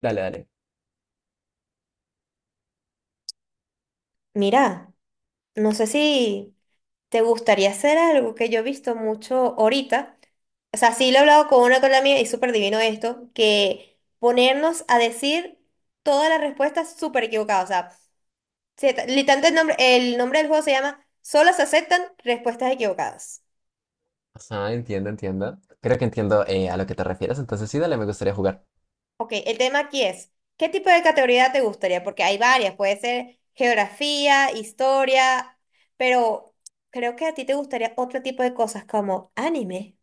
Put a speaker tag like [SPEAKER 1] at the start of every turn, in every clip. [SPEAKER 1] Dale, dale.
[SPEAKER 2] Mira, no sé si te gustaría hacer algo que yo he visto mucho ahorita. O sea, sí lo he hablado con una colega mía y es súper divino esto, que ponernos a decir todas las respuestas súper equivocadas. O sea, literalmente el nombre del juego se llama Solo se aceptan respuestas equivocadas.
[SPEAKER 1] Ajá, entiendo, entiendo. Creo que entiendo a lo que te refieres, entonces sí, dale, me gustaría jugar.
[SPEAKER 2] Ok, el tema aquí es, ¿qué tipo de categoría te gustaría? Porque hay varias, puede ser geografía, historia, pero creo que a ti te gustaría otro tipo de cosas como anime.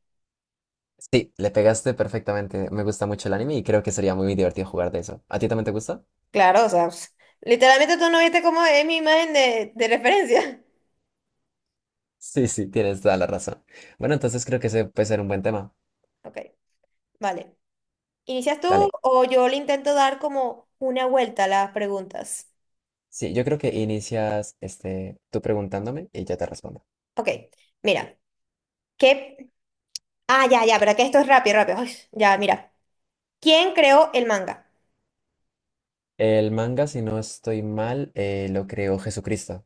[SPEAKER 1] Sí, le pegaste perfectamente. Me gusta mucho el anime y creo que sería muy divertido jugar de eso. ¿A ti también te gusta?
[SPEAKER 2] Claro, o sea, ps, literalmente tú no viste cómo es mi imagen de, referencia.
[SPEAKER 1] Sí, sí, tienes toda la razón. Bueno, entonces creo que ese puede ser un buen tema.
[SPEAKER 2] Ok, vale. ¿Inicias tú
[SPEAKER 1] Dale.
[SPEAKER 2] o yo le intento dar como una vuelta a las preguntas?
[SPEAKER 1] Sí, yo creo que inicias este, tú preguntándome y yo te respondo.
[SPEAKER 2] Ok, mira, ¿qué? Ah, ya, ya, pero que esto es rápido, rápido. Ay, ya, mira. ¿Quién creó el manga?
[SPEAKER 1] El manga, si no estoy mal, lo creó Jesucristo.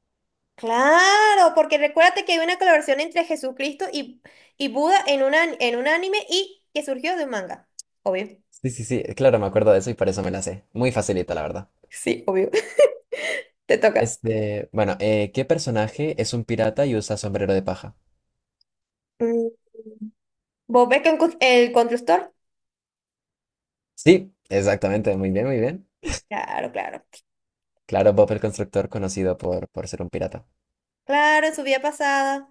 [SPEAKER 2] Claro, porque recuérdate que hay una colaboración entre Jesucristo y Buda en, una, en un anime y que surgió de un manga. Obvio.
[SPEAKER 1] Sí, sí, sí, claro, me acuerdo de eso y por eso me la sé. Muy facilita, la verdad.
[SPEAKER 2] Sí, obvio. Te toca.
[SPEAKER 1] Este, bueno, ¿qué personaje es un pirata y usa sombrero de paja?
[SPEAKER 2] Mm, ¿vos ves que el constructor?
[SPEAKER 1] Sí, exactamente, muy bien, muy bien.
[SPEAKER 2] Claro, claro.
[SPEAKER 1] Claro, Bob el Constructor, conocido por ser un pirata.
[SPEAKER 2] Claro, en su vida pasada.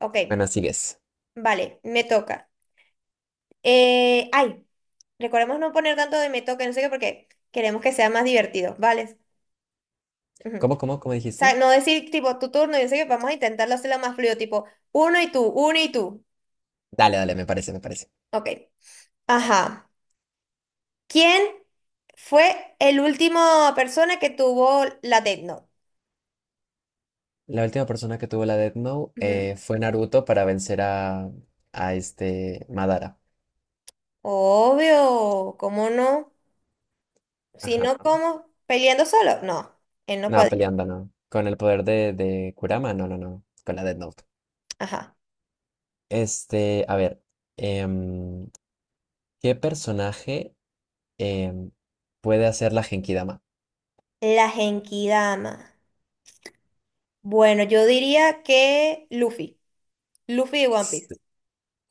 [SPEAKER 2] Ok,
[SPEAKER 1] Bueno, sigues.
[SPEAKER 2] vale, me toca. Eh, ay, recordemos no poner tanto de me toca, no sé qué, porque queremos que sea más divertido, ¿vale? Ujú. O
[SPEAKER 1] ¿Cómo, cómo, cómo
[SPEAKER 2] sea,
[SPEAKER 1] dijiste?
[SPEAKER 2] no decir tipo tu turno, y no sé qué, vamos a intentarlo hacerlo más fluido, tipo uno y tú, uno y tú.
[SPEAKER 1] Dale, dale, me parece, me parece.
[SPEAKER 2] Ok, ajá. ¿Quién fue el último persona que tuvo la Death Note?
[SPEAKER 1] La última persona que tuvo la Death Note
[SPEAKER 2] Ujú.
[SPEAKER 1] fue Naruto para vencer a este Madara.
[SPEAKER 2] Obvio, ¿cómo no? Si
[SPEAKER 1] Ajá.
[SPEAKER 2] no, ¿cómo? ¿Peleando solo? No, él no
[SPEAKER 1] No,
[SPEAKER 2] podía.
[SPEAKER 1] peleando, no. Con el poder de Kurama, no, no, no. Con la Death Note.
[SPEAKER 2] Ajá.
[SPEAKER 1] Este, a ver. em, ¿Qué personaje em, puede hacer la Genkidama?
[SPEAKER 2] La Genkidama. Bueno, yo diría que Luffy, Luffy de One Piece.
[SPEAKER 1] S-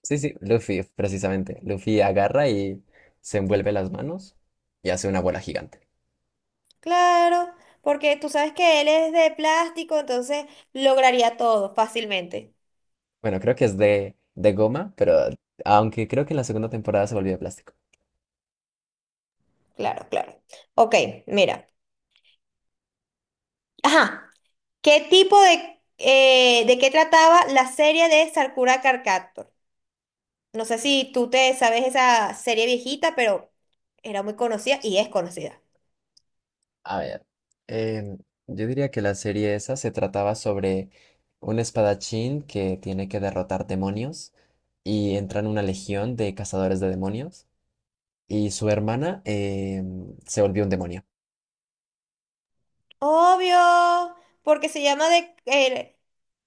[SPEAKER 1] Sí, sí, Luffy, precisamente. Luffy agarra y se envuelve las manos y hace una bola gigante.
[SPEAKER 2] Claro, porque tú sabes que él es de plástico, entonces lograría todo fácilmente.
[SPEAKER 1] Bueno, creo que es de goma, pero aunque creo que en la segunda temporada se volvió de plástico.
[SPEAKER 2] Claro, claro. Ok, mira. Ajá, ¿qué tipo de qué trataba la serie de Sakura Card Captor? No sé si tú te sabes esa serie viejita, pero era muy conocida y es conocida.
[SPEAKER 1] A ver, em, yo diría que la serie esa se trataba sobre un espadachín que tiene que derrotar demonios y entra en una legión de cazadores de demonios y su hermana se volvió un demonio.
[SPEAKER 2] Obvio, porque se llama de...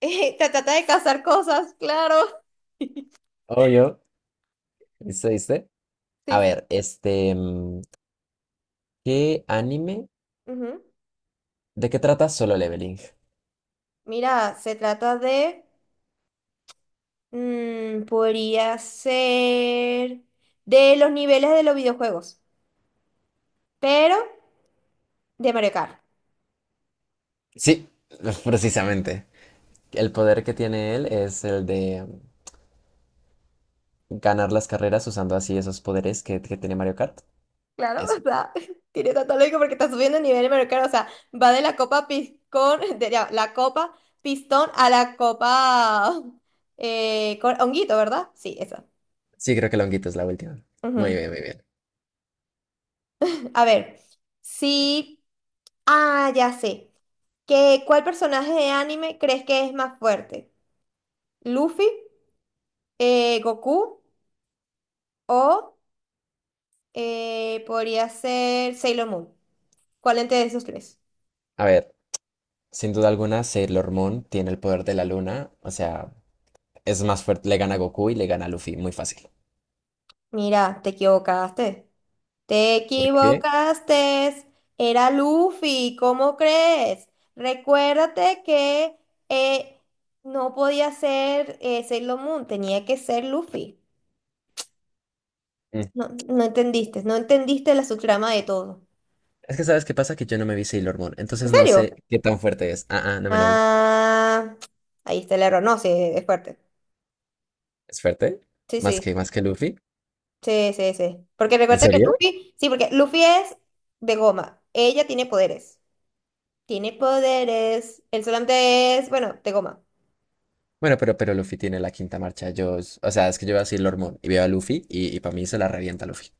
[SPEAKER 2] te trata de cazar cosas, claro.
[SPEAKER 1] Obvio, ¿viste? ¿Viste? A
[SPEAKER 2] Sí, sí.
[SPEAKER 1] ver, este, mm, ¿qué anime?
[SPEAKER 2] Ujú.
[SPEAKER 1] ¿De qué trata Solo Leveling?
[SPEAKER 2] Mira, se trata de, mm, podría ser de los niveles de los videojuegos, pero de Mario Kart.
[SPEAKER 1] Sí, precisamente. El poder que tiene él es el de mm, ganar las carreras usando así esos poderes que tiene Mario Kart.
[SPEAKER 2] Claro, o
[SPEAKER 1] Eso.
[SPEAKER 2] sea, tiene tanto lógica porque está subiendo el nivel de Mario Kart, o sea, va de la copa pistón, de ya, la copa pistón a la copa con honguito, ¿verdad? Sí, esa.
[SPEAKER 1] Sí, creo que Longuito es la última. Muy
[SPEAKER 2] Ujú.
[SPEAKER 1] bien, muy bien.
[SPEAKER 2] A ver, sí, ah, ya sé. ¿ cuál personaje de anime crees que es más fuerte? ¿Luffy? ¿Goku? O podría ser Sailor Moon. ¿Cuál entre de esos tres?
[SPEAKER 1] A ver, sin duda alguna, Sailor Moon tiene el poder de la luna. O sea, es más fuerte. Le gana a Goku y le gana a Luffy. Muy fácil.
[SPEAKER 2] Mira, te equivocaste. Te
[SPEAKER 1] ¿Por qué?
[SPEAKER 2] equivocaste. Era Luffy, ¿cómo crees? Recuérdate que eh, no podía ser Sailor Moon, tenía que ser Luffy.
[SPEAKER 1] Mm,
[SPEAKER 2] No, no entendiste, no entendiste la subtrama de todo.
[SPEAKER 1] es que sabes qué pasa que yo no me vi Sailor Moon,
[SPEAKER 2] ¿En
[SPEAKER 1] entonces no sé
[SPEAKER 2] serio?
[SPEAKER 1] qué tan fuerte es. Ah, ah, no me la vi.
[SPEAKER 2] Ah, ahí está el error. No, sí, es fuerte.
[SPEAKER 1] Es fuerte.
[SPEAKER 2] Sí, sí.
[SPEAKER 1] Más que Luffy.
[SPEAKER 2] Sí, sí, sí. Porque
[SPEAKER 1] ¿En
[SPEAKER 2] recuerda que
[SPEAKER 1] serio?
[SPEAKER 2] Luffy, sí, porque Luffy es de goma. Ella tiene poderes. Tiene poderes. El solamente es, bueno, de goma.
[SPEAKER 1] Bueno, pero Luffy tiene la quinta marcha. Yo, o sea, es que yo veo a Sailor Moon y veo a Luffy y para mí se la revienta Luffy.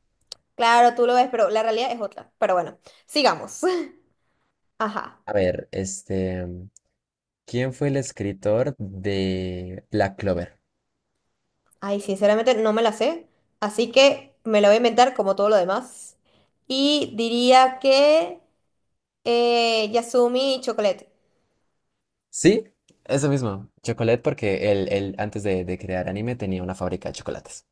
[SPEAKER 2] Claro, tú lo ves, pero la realidad es otra. Pero bueno, sigamos. Ajá.
[SPEAKER 1] A ver, este, mm, ¿quién fue el escritor de Black Clover?
[SPEAKER 2] Ay, sinceramente no me la sé. Así que me la voy a inventar como todo lo demás. Y diría que Yasumi y Chocolate.
[SPEAKER 1] Sí, eso mismo. Chocolate porque él antes de crear anime tenía una fábrica de chocolates.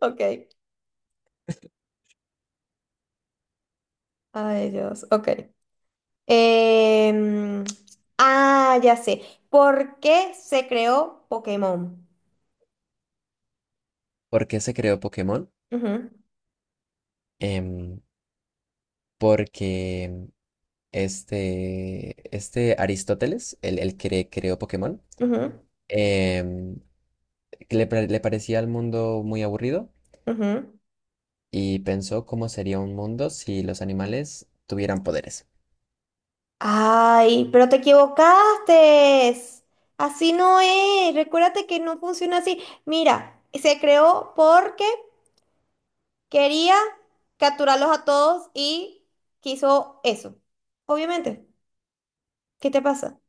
[SPEAKER 2] Ok. Ay, Dios. Ok. Em, ah, ya sé. ¿Por qué se creó Pokémon?
[SPEAKER 1] ¿Por qué se creó Pokémon?
[SPEAKER 2] Ujú,
[SPEAKER 1] Em, Porque mm, este Aristóteles, el que creó Pokémon,
[SPEAKER 2] ujú,
[SPEAKER 1] em, que le, le parecía al mundo muy aburrido
[SPEAKER 2] ujú.
[SPEAKER 1] y pensó cómo sería un mundo si los animales tuvieran poderes.
[SPEAKER 2] Ay, pero te equivocaste. Así no es. Recuérdate que no funciona así. Mira, se creó porque quería capturarlos a todos y quiso eso. Obviamente. ¿Qué te pasa?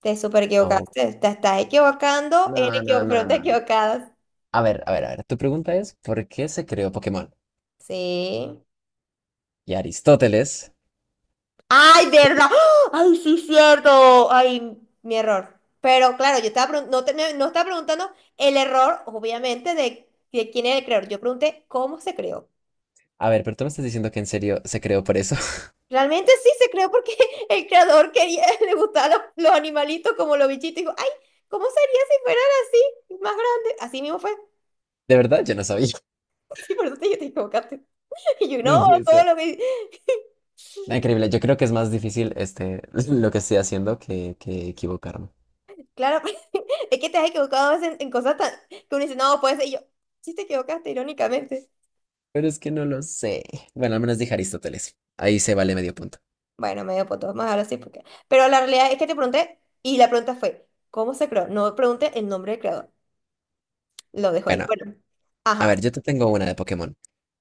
[SPEAKER 2] Te super
[SPEAKER 1] No,
[SPEAKER 2] equivocaste. Te estás equivocando en
[SPEAKER 1] no, no,
[SPEAKER 2] pero
[SPEAKER 1] no,
[SPEAKER 2] te
[SPEAKER 1] no, no.
[SPEAKER 2] equivocadas.
[SPEAKER 1] A ver, a ver, a ver. Tu pregunta es, ¿por qué se creó Pokémon?
[SPEAKER 2] Sí.
[SPEAKER 1] Y Aristóteles.
[SPEAKER 2] Ay, ¿verdad? ¡Ah! Ay, sí, cierto. Ay, mi error. Pero claro, yo estaba no, no estaba preguntando el error, obviamente, de, quién era el creador. Yo pregunté cómo se creó.
[SPEAKER 1] A ver, pero tú me estás diciendo que en serio se creó por eso.
[SPEAKER 2] Realmente sí se creó porque el creador quería, le gustaban los animalitos como los bichitos. Y dijo, ay, ¿cómo sería si fueran así, más grandes? Así mismo fue.
[SPEAKER 1] De verdad, yo no sabía.
[SPEAKER 2] Sí, por eso te, te equivocaste. Y yo, no,
[SPEAKER 1] No puede
[SPEAKER 2] todo
[SPEAKER 1] ser.
[SPEAKER 2] lo que...
[SPEAKER 1] Ah, increíble, yo creo que es más difícil este, lo que estoy haciendo que equivocarme.
[SPEAKER 2] Claro, es que te has equivocado a veces en cosas tan... que uno dice, no, puede ser. Y yo, sí te equivocaste, irónicamente.
[SPEAKER 1] Pero es que no lo sé. Bueno, al menos dije Aristóteles. Ahí se vale medio punto.
[SPEAKER 2] Bueno, medio poto, vamos a dejarlo así porque... Pero la realidad es que te pregunté y la pregunta fue, ¿cómo se creó? No pregunté el nombre del creador, lo dejo ahí.
[SPEAKER 1] Bueno,
[SPEAKER 2] Bueno,
[SPEAKER 1] a ver,
[SPEAKER 2] ajá.
[SPEAKER 1] yo te tengo una de Pokémon.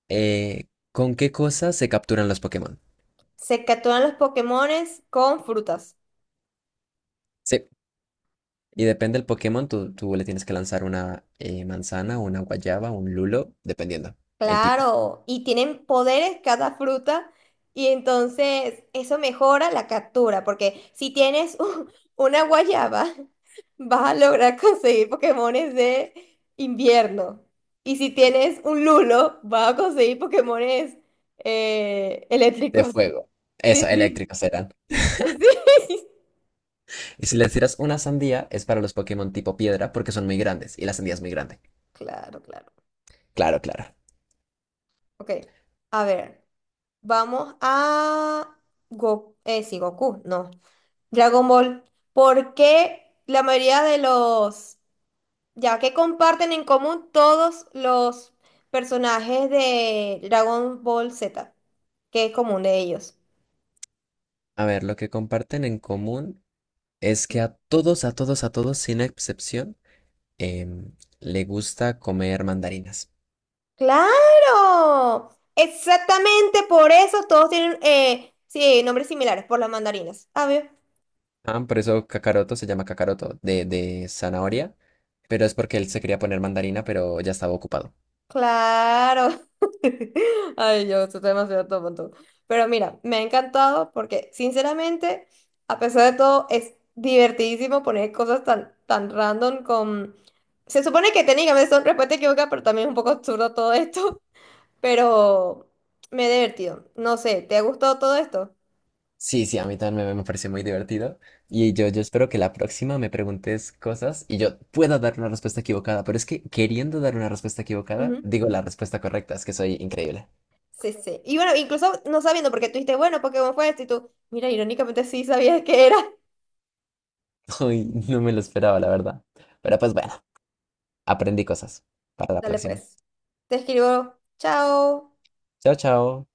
[SPEAKER 1] ¿Con qué cosas se capturan los Pokémon?
[SPEAKER 2] Se capturan los Pokémones con frutas.
[SPEAKER 1] Sí, y depende del Pokémon, tú le tienes que lanzar una manzana, una guayaba, un lulo, dependiendo el tipo
[SPEAKER 2] Claro, y tienen poderes cada fruta y entonces eso mejora la captura, porque si tienes una guayaba, vas a lograr conseguir Pokémones de invierno. Y si tienes un lulo, vas a conseguir Pokémones
[SPEAKER 1] de
[SPEAKER 2] eléctricos.
[SPEAKER 1] fuego.
[SPEAKER 2] Sí,
[SPEAKER 1] Eso,
[SPEAKER 2] sí,
[SPEAKER 1] eléctricos serán.
[SPEAKER 2] sí.
[SPEAKER 1] Y si le tiras una sandía, es para los Pokémon tipo piedra, porque son muy grandes, y la sandía es muy grande.
[SPEAKER 2] Claro, claro.
[SPEAKER 1] Claro, claro.
[SPEAKER 2] Ok, a ver, vamos a... Go sí, Goku, no. Dragon Ball. Porque la mayoría de los, ya que comparten en común todos los personajes de Dragon Ball Z, que es común de ellos.
[SPEAKER 1] A ver, lo que comparten en común es que a todos, a todos, a todos, sin excepción, em, le gusta comer mandarinas.
[SPEAKER 2] ¡Claro! Exactamente por eso todos tienen sí, nombres similares, por las mandarinas. ¿Sabes?
[SPEAKER 1] Ah, por eso Kakaroto se llama Kakaroto, de zanahoria, pero es porque él se quería poner mandarina, pero ya estaba ocupado.
[SPEAKER 2] Claro. Ay, yo estoy demasiado tonto. Pero mira, me ha encantado porque, sinceramente, a pesar de todo, es divertidísimo poner cosas tan, tan random con... Se supone que técnicamente son respuestas equivocadas, pero también es un poco absurdo todo esto. Pero me he divertido. No sé, ¿te ha gustado todo esto?
[SPEAKER 1] Sí, sí, a mí también me pareció muy divertido. Y yo espero que la próxima me preguntes cosas y yo pueda dar una respuesta equivocada, pero es que queriendo dar una respuesta
[SPEAKER 2] Ujú.
[SPEAKER 1] equivocada, digo la respuesta correcta, es que soy increíble.
[SPEAKER 2] Sí, sí. Y bueno, incluso no sabiendo, porque tú dijiste, bueno, Pokémon fue esto, y tú, mira, irónicamente sí sabías que era.
[SPEAKER 1] Hoy no me lo esperaba, la verdad. Pero pues bueno, aprendí cosas para la
[SPEAKER 2] Dale
[SPEAKER 1] próxima.
[SPEAKER 2] pues. Te escribo, chao.
[SPEAKER 1] Chao, chao.